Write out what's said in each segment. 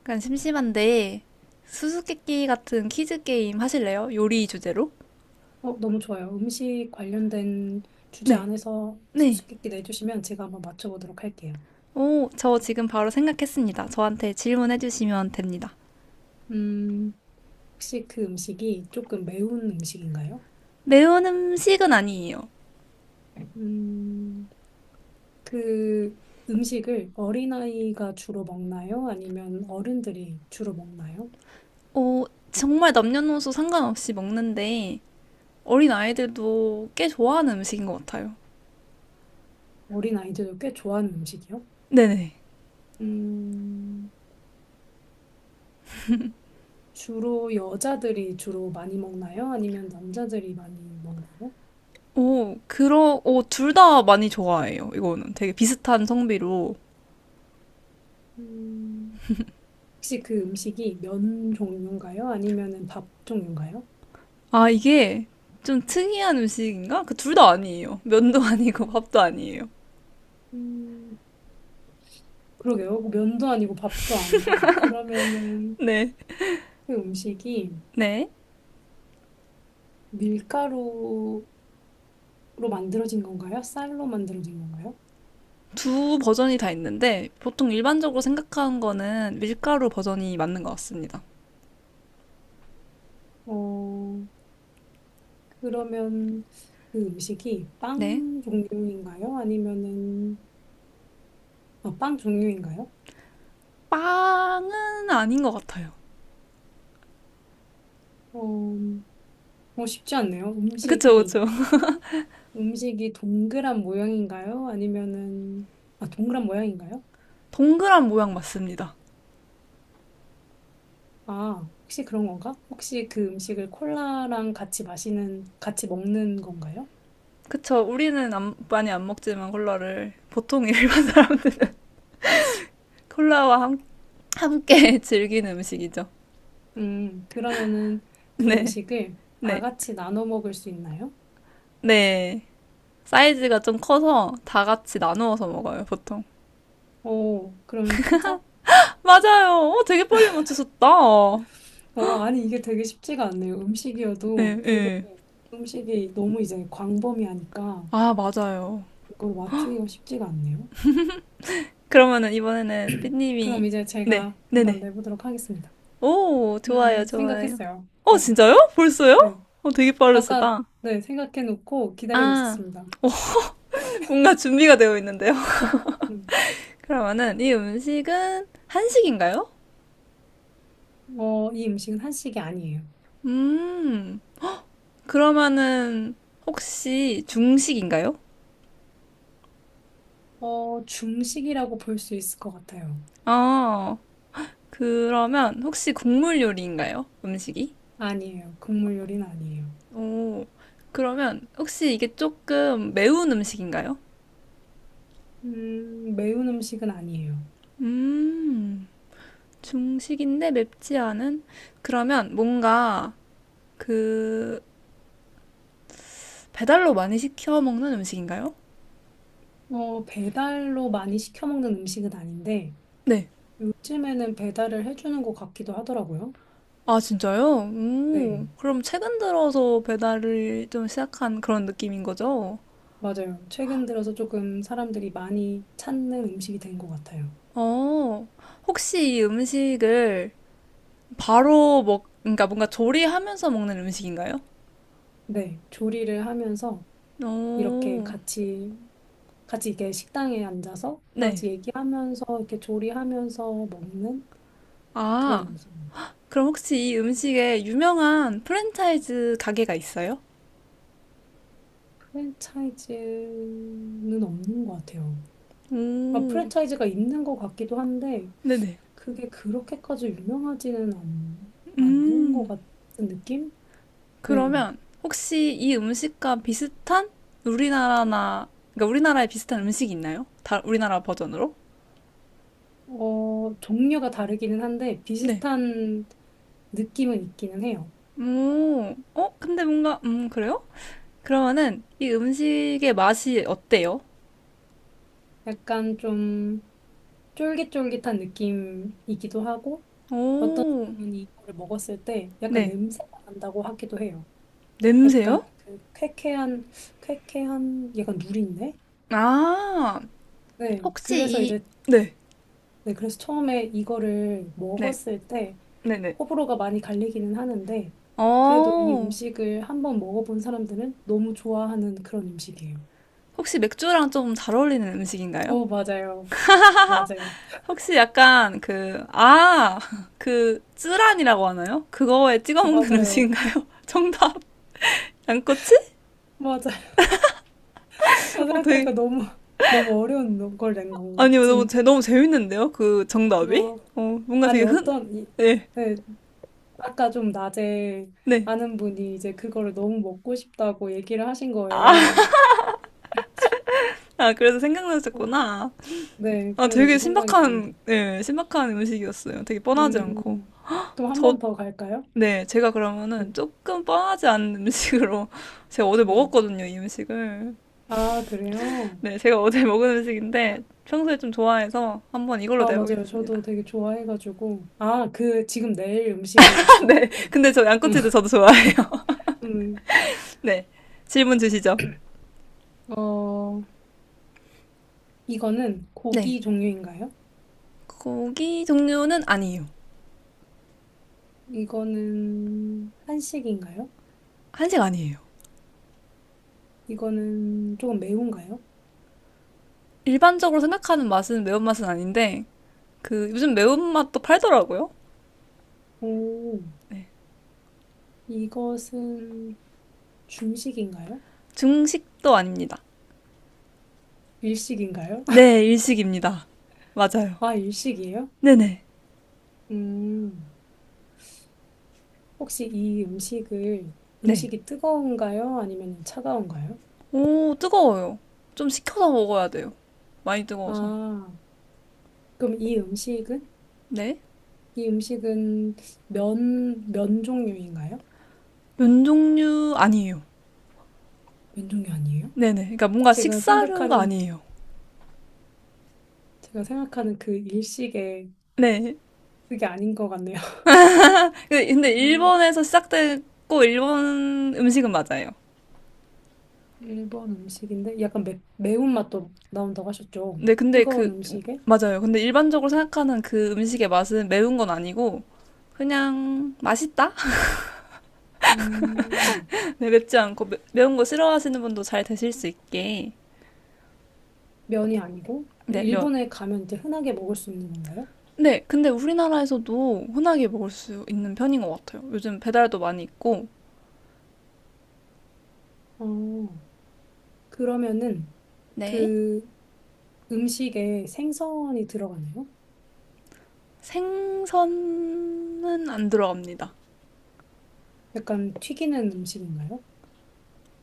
약간 심심한데 수수께끼 같은 퀴즈 게임 하실래요? 요리 주제로? 너무 좋아요. 음식 관련된 주제 네, 안에서 네. 수수께끼 내주시면 제가 한번 맞춰보도록 할게요. 오, 저 지금 바로 생각했습니다. 저한테 질문해 주시면 됩니다. 음, 혹시 그 음식이 조금 매운 음식인가요? 매운 음식은 아니에요. 음, 그 음식을 어린아이가 주로 먹나요? 아니면 어른들이 주로 먹나요? 오, 정말 남녀노소 상관없이 먹는데 어린 아이들도 꽤 좋아하는 음식인 것 같아요. 어린아이들도 꽤 좋아하는 음식이요? 네네. 음, 주로 여자들이 주로 많이 먹나요? 아니면 남자들이 많이 먹나요? 오, 오, 둘 다 많이 좋아해요. 이거는 되게 비슷한 성비로. 음, 혹시 그 음식이 면 종류인가요? 아니면은 밥 종류인가요? 아, 이게 좀 특이한 음식인가? 그 둘 다 아니에요. 면도 아니고 밥도 아니에요. 음, 그러게요. 면도 아니고 밥도 아니다. 그러면은 네. 그 음식이 네. 밀가루로 만들어진 건가요? 쌀로 만들어진 건가요? 두 버전이 다 있는데 보통 일반적으로 생각하는 거는 밀가루 버전이 맞는 것 같습니다. 어, 그러면 그 음식이 네. 빵 종류인가요? 아니면은 아, 빵 종류인가요? 빵은 아닌 것 같아요. 어, 쉽지 않네요. 그쵸, 음식이 그쵸. 음식이 동그란 모양인가요? 아니면은 아, 동그란 모양인가요? 동그란 모양 맞습니다. 아, 혹시 그런 건가? 혹시 그 음식을 콜라랑 같이 마시는, 같이 먹는 건가요? 그쵸. 우리는 많이 안 먹지만 콜라를 보통 일반 사람들은 콜라와 함, 함께 즐기는 음식이죠. 그러면은 그 네. 음식을 다 네. 같이 나눠 먹을 수 있나요? 네. 사이즈가 좀 커서 다 같이 나누어서 먹어요, 보통. 오, 그러면 피자? 맞아요. 어, 되게 빨리 맞추셨다. 아니, 이게 되게 쉽지가 않네요. 예, 음식이어도 되게 예. 음식이 너무 이제 광범위하니까 아, 맞아요. 이걸 맞추기가 쉽지가 않네요. 그러면은 이번에는 그럼 삐님이. 이제 네, 제가 한번 네네. 내보도록 하겠습니다. 오, 좋아요, 좋아요. 생각했어요. 어, 네, 진짜요? 벌써요? 네. 어, 되게 아까, 빠르시다. 네, 생각해 놓고 기다리고 아, 있었습니다. 뭔가 준비가 되어 있는데요. 음. 그러면은 이 음식은 한식인가요? 이 음식은 한식이 아니에요. 음, 그러면은 혹시 중식인가요? 중식이라고 볼 수 있을 것 같아요. 아, 그러면 혹시 국물 요리인가요? 음식이? 아니에요. 국물 요리는 아니에요. 오, 그러면 혹시 이게 조금 매운 음식인가요? 매운 음식은 아니에요. 음. 중식인데 맵지 않은? 그러면 뭔가 그 배달로 많이 시켜 먹는 음식인가요? 배달로 많이 시켜 먹는 음식은 아닌데, 네. 요즘에는 배달을 해주는 것 같기도 하더라고요. 아, 진짜요? 오, 네, 그럼 최근 들어서 배달을 좀 시작한 그런 느낌인 거죠? 맞아요. 최근 들어서 조금 사람들이 많이 찾는 음식이 된 것 같아요. 어, 혹시 이 음식을 그러니까 뭔가 조리하면서 먹는 음식인가요? 네, 조리를 하면서 이렇게 오, 같이, 같이 이게 식당에 앉아서 다 네. 같이 얘기하면서 이렇게 조리하면서 먹는 아, 그런 그럼 혹시 이 음식에 유명한 프랜차이즈 가게가 있어요? 프랜차이즈는 없는 것 같아요. 아, 오, 프랜차이즈가 있는 것 같기도 한데 네네. 그게 그렇게까지 유명하지는 않는 것 음. 같은 느낌? 네. 그러면 혹시 이 음식과 비슷한 우리나라나, 그러니까 우리나라에 비슷한 음식이 있나요? 다 우리나라 버전으로? 종류가 다르기는 한데 네. 비슷한 느낌은 있기는 해요. 오, 어? 근데 뭔가, 그래요? 그러면은 이 음식의 맛이 어때요? 약간 좀 쫄깃쫄깃한 느낌이기도 하고 어떤 오, 사람은 이거를 먹었을 때 약간 네. 냄새가 난다고 하기도 해요. 냄새요? 약간 그 쾌쾌한 약간 누린내? 아, 네, 혹시 그래서 이, 이제, 네, 네, 그래서 처음에 이거를 네, 먹었을 때 네네. 호불호가 많이 갈리기는 하는데, 그래도 이 어, 음식을 한번 먹어본 사람들은 너무 좋아하는 그런 음식이에요. 혹시 맥주랑 좀 잘 어울리는 음식인가요? 어, 맞아요. 맞아요. 혹시 약간 그, 아, 그, 쯔란이라고 하나요? 그거에 찍어 어, 먹는 맞아요. 음식인가요? 정답. 양꼬치? 맞아요. 나 어, 되게, 생각하니까 너무, 너무 어려운 걸 낸 건가? 아니, 너무, 아무튼, 너무 재밌는데요? 그 정답이? 어, 어, 뭔가 아니, 되게 흔, 어떤, 이, 네, 네, 아까 좀 낮에 네. 아는 분이 이제 그거를 너무 먹고 싶다고 얘기를 하신 거예요. 아, 그래서 생각나셨구나. 네, 아, 그래서 되게 이제 생각이 났네요. 신박한, 예, 신박한 음식이었어요. 되게 뻔하지 않고. 음, 또 한 저, 번 더 갈까요? 네, 제가 그러면은 음, 조금 뻔하지 않은 음식으로 제가 어제 네. 먹었거든요, 이 음식을. 아, 그래요? 네, 제가 어제 먹은 음식인데 평소에 좀 좋아해서 한번 이걸로 아, 맞아요. 내보겠습니다. 저도 되게 좋아해가지고. 아, 그, 지금 내일 음식을 네, 드셨다고. 근데 저 양꼬치도 저도 좋아해요. 음, 네, 질문 주시죠. 어, 이거는 네, 고기 종류인가요? 고기 종류는 아니에요. 이거는 한식인가요? 한식 아니에요. 이거는 조금 매운가요? 일반적으로 생각하는 맛은 매운맛은 아닌데 그 요즘 매운맛도 팔더라고요. 오, 네, 이것은 중식인가요? 중식도 아닙니다. 일식인가요? 네, 일식입니다. 맞아요. 아, 일식이에요? 네네. 음. 혹시 이 음식을, 네. 음식이 뜨거운가요? 아니면 차가운가요? 오, 뜨거워요. 좀 식혀서 먹어야 돼요. 많이 뜨거워서. 아, 그럼 이 음식은? 네. 이 음식은 면 종류인가요? 면 종류 아니에요. 면 종류 아니에요? 네네. 그러니까 뭔가 제가 식사류가 생각하는, 아니에요. 제가 생각하는 그 일식의 네. 그게 아닌 것 같네요. 근데 음, 일본에서 시작됐고 일본 음식은 맞아요. 일본 음식인데 약간 매운맛도 나온다고 하셨죠? 네, 근데 뜨거운 그 음식에? 맞아요. 근데 일반적으로 생각하는 그 음식의 맛은 매운 건 아니고 그냥 맛있다? 음, 네, 맵지 않고 매운 거 싫어하시는 분도 잘 드실 수 있게. 면이 아니고? 근데 네, 면. 일본에 가면 이제 흔하게 먹을 수 있는 건가요? 네, 근데 우리나라에서도 흔하게 먹을 수 있는 편인 것 같아요. 요즘 배달도 많이 있고. 어, 그러면은 네. 그 음식에 생선이 들어가나요? 생선은 안 들어갑니다. 약간 튀기는 음식인가요?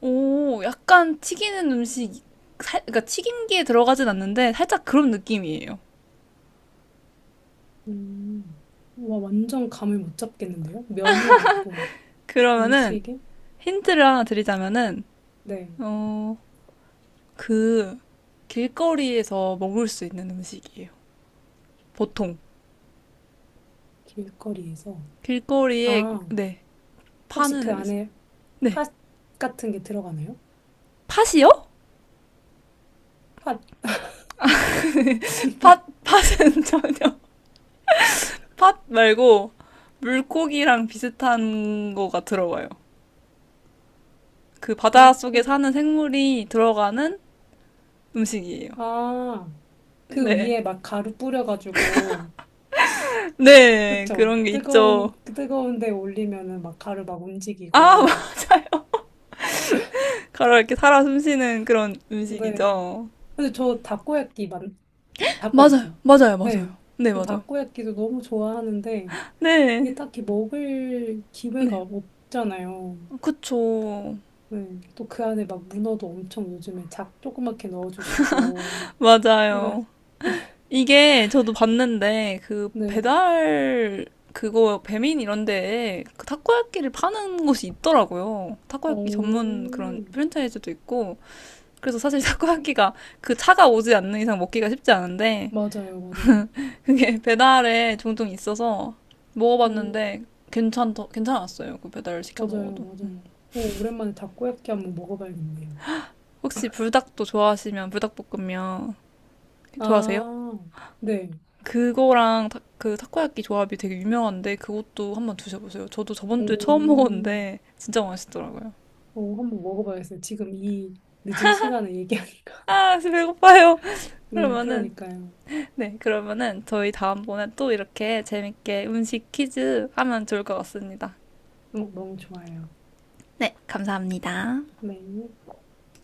오, 약간 튀기는 음식, 살, 그러니까 튀김기에 들어가진 않는데 살짝 그런 느낌이에요. 음, 와, 완전 감을 못 잡겠는데요? 면이 아니고 그러면은 일식에? 힌트를 하나 드리자면은 네, 어, 그 길거리에서 먹을 수 있는 음식이에요. 보통 길거리에서. 길거리에 아, 네 혹시 파는 그 음식, 안에 네 팥 같은 게 들어가나요? 팥이요? 팥 아닌가요? 팥 팥은 전혀. 팥 말고 물고기랑 비슷한 거가 들어가요. 그 바닷속에 물고기. 사는 생물이 들어가는 음식이에요. 아, 그 네. 위에 막 가루 뿌려가지고, 네, 그쵸? 그런 게 있죠. 뜨거운 데 올리면은 막 가루 막 아, 움직이고. 맞아요. 가로 이렇게 살아 숨쉬는 그런 네. 음식이죠. 근데 저 맞아요, 다코야끼. 맞아요, 맞아요. 네. 네, 저 맞아요. 다코야끼도 너무 좋아하는데, 이게 네, 딱히 먹을 기회가 네. 없잖아요. 그쵸. 네. 또 그 안에 막 문어도 엄청 요즘에 작 조그맣게 넣어주시고. 그러니까, 맞아요. 이게 저도 봤는데, 그 네. 배달, 그거 배민 이런 데에 그 타코야끼를 파는 곳이 있더라고요. 타코야끼 전문 그런 오, 프랜차이즈도 있고. 그래서 사실 타코야끼가 그 차가 오지 않는 이상 먹기가 쉽지 않은데, 맞아요, 맞아요. 그게 배달에 종종 있어서 음, 먹어봤는데 괜찮았어요. 그 배달을 시켜 맞아요, 먹어도. 맞아요. 오, 오랜만에 다코야끼 한번 먹어봐야겠네요. 혹시 불닭도 좋아하시면 불닭볶음면 좋아하세요? 아, 네. 그거랑 그 타코야끼 조합이 되게 유명한데 그것도 한번 드셔보세요. 저도 저번 오, 주에 처음 먹었는데 진짜 맛있더라고요. 오, 한번 먹어봐야겠어요. 지금 이 늦은 시간에 얘기하니까. 아, 지금 배고파요. 네, 그러면은 그러니까요. 네, 그러면은 저희 다음번에 또 이렇게 재밌게 음식 퀴즈 하면 좋을 것 같습니다. 어, 너무 좋아요. 네, 감사합니다. 네.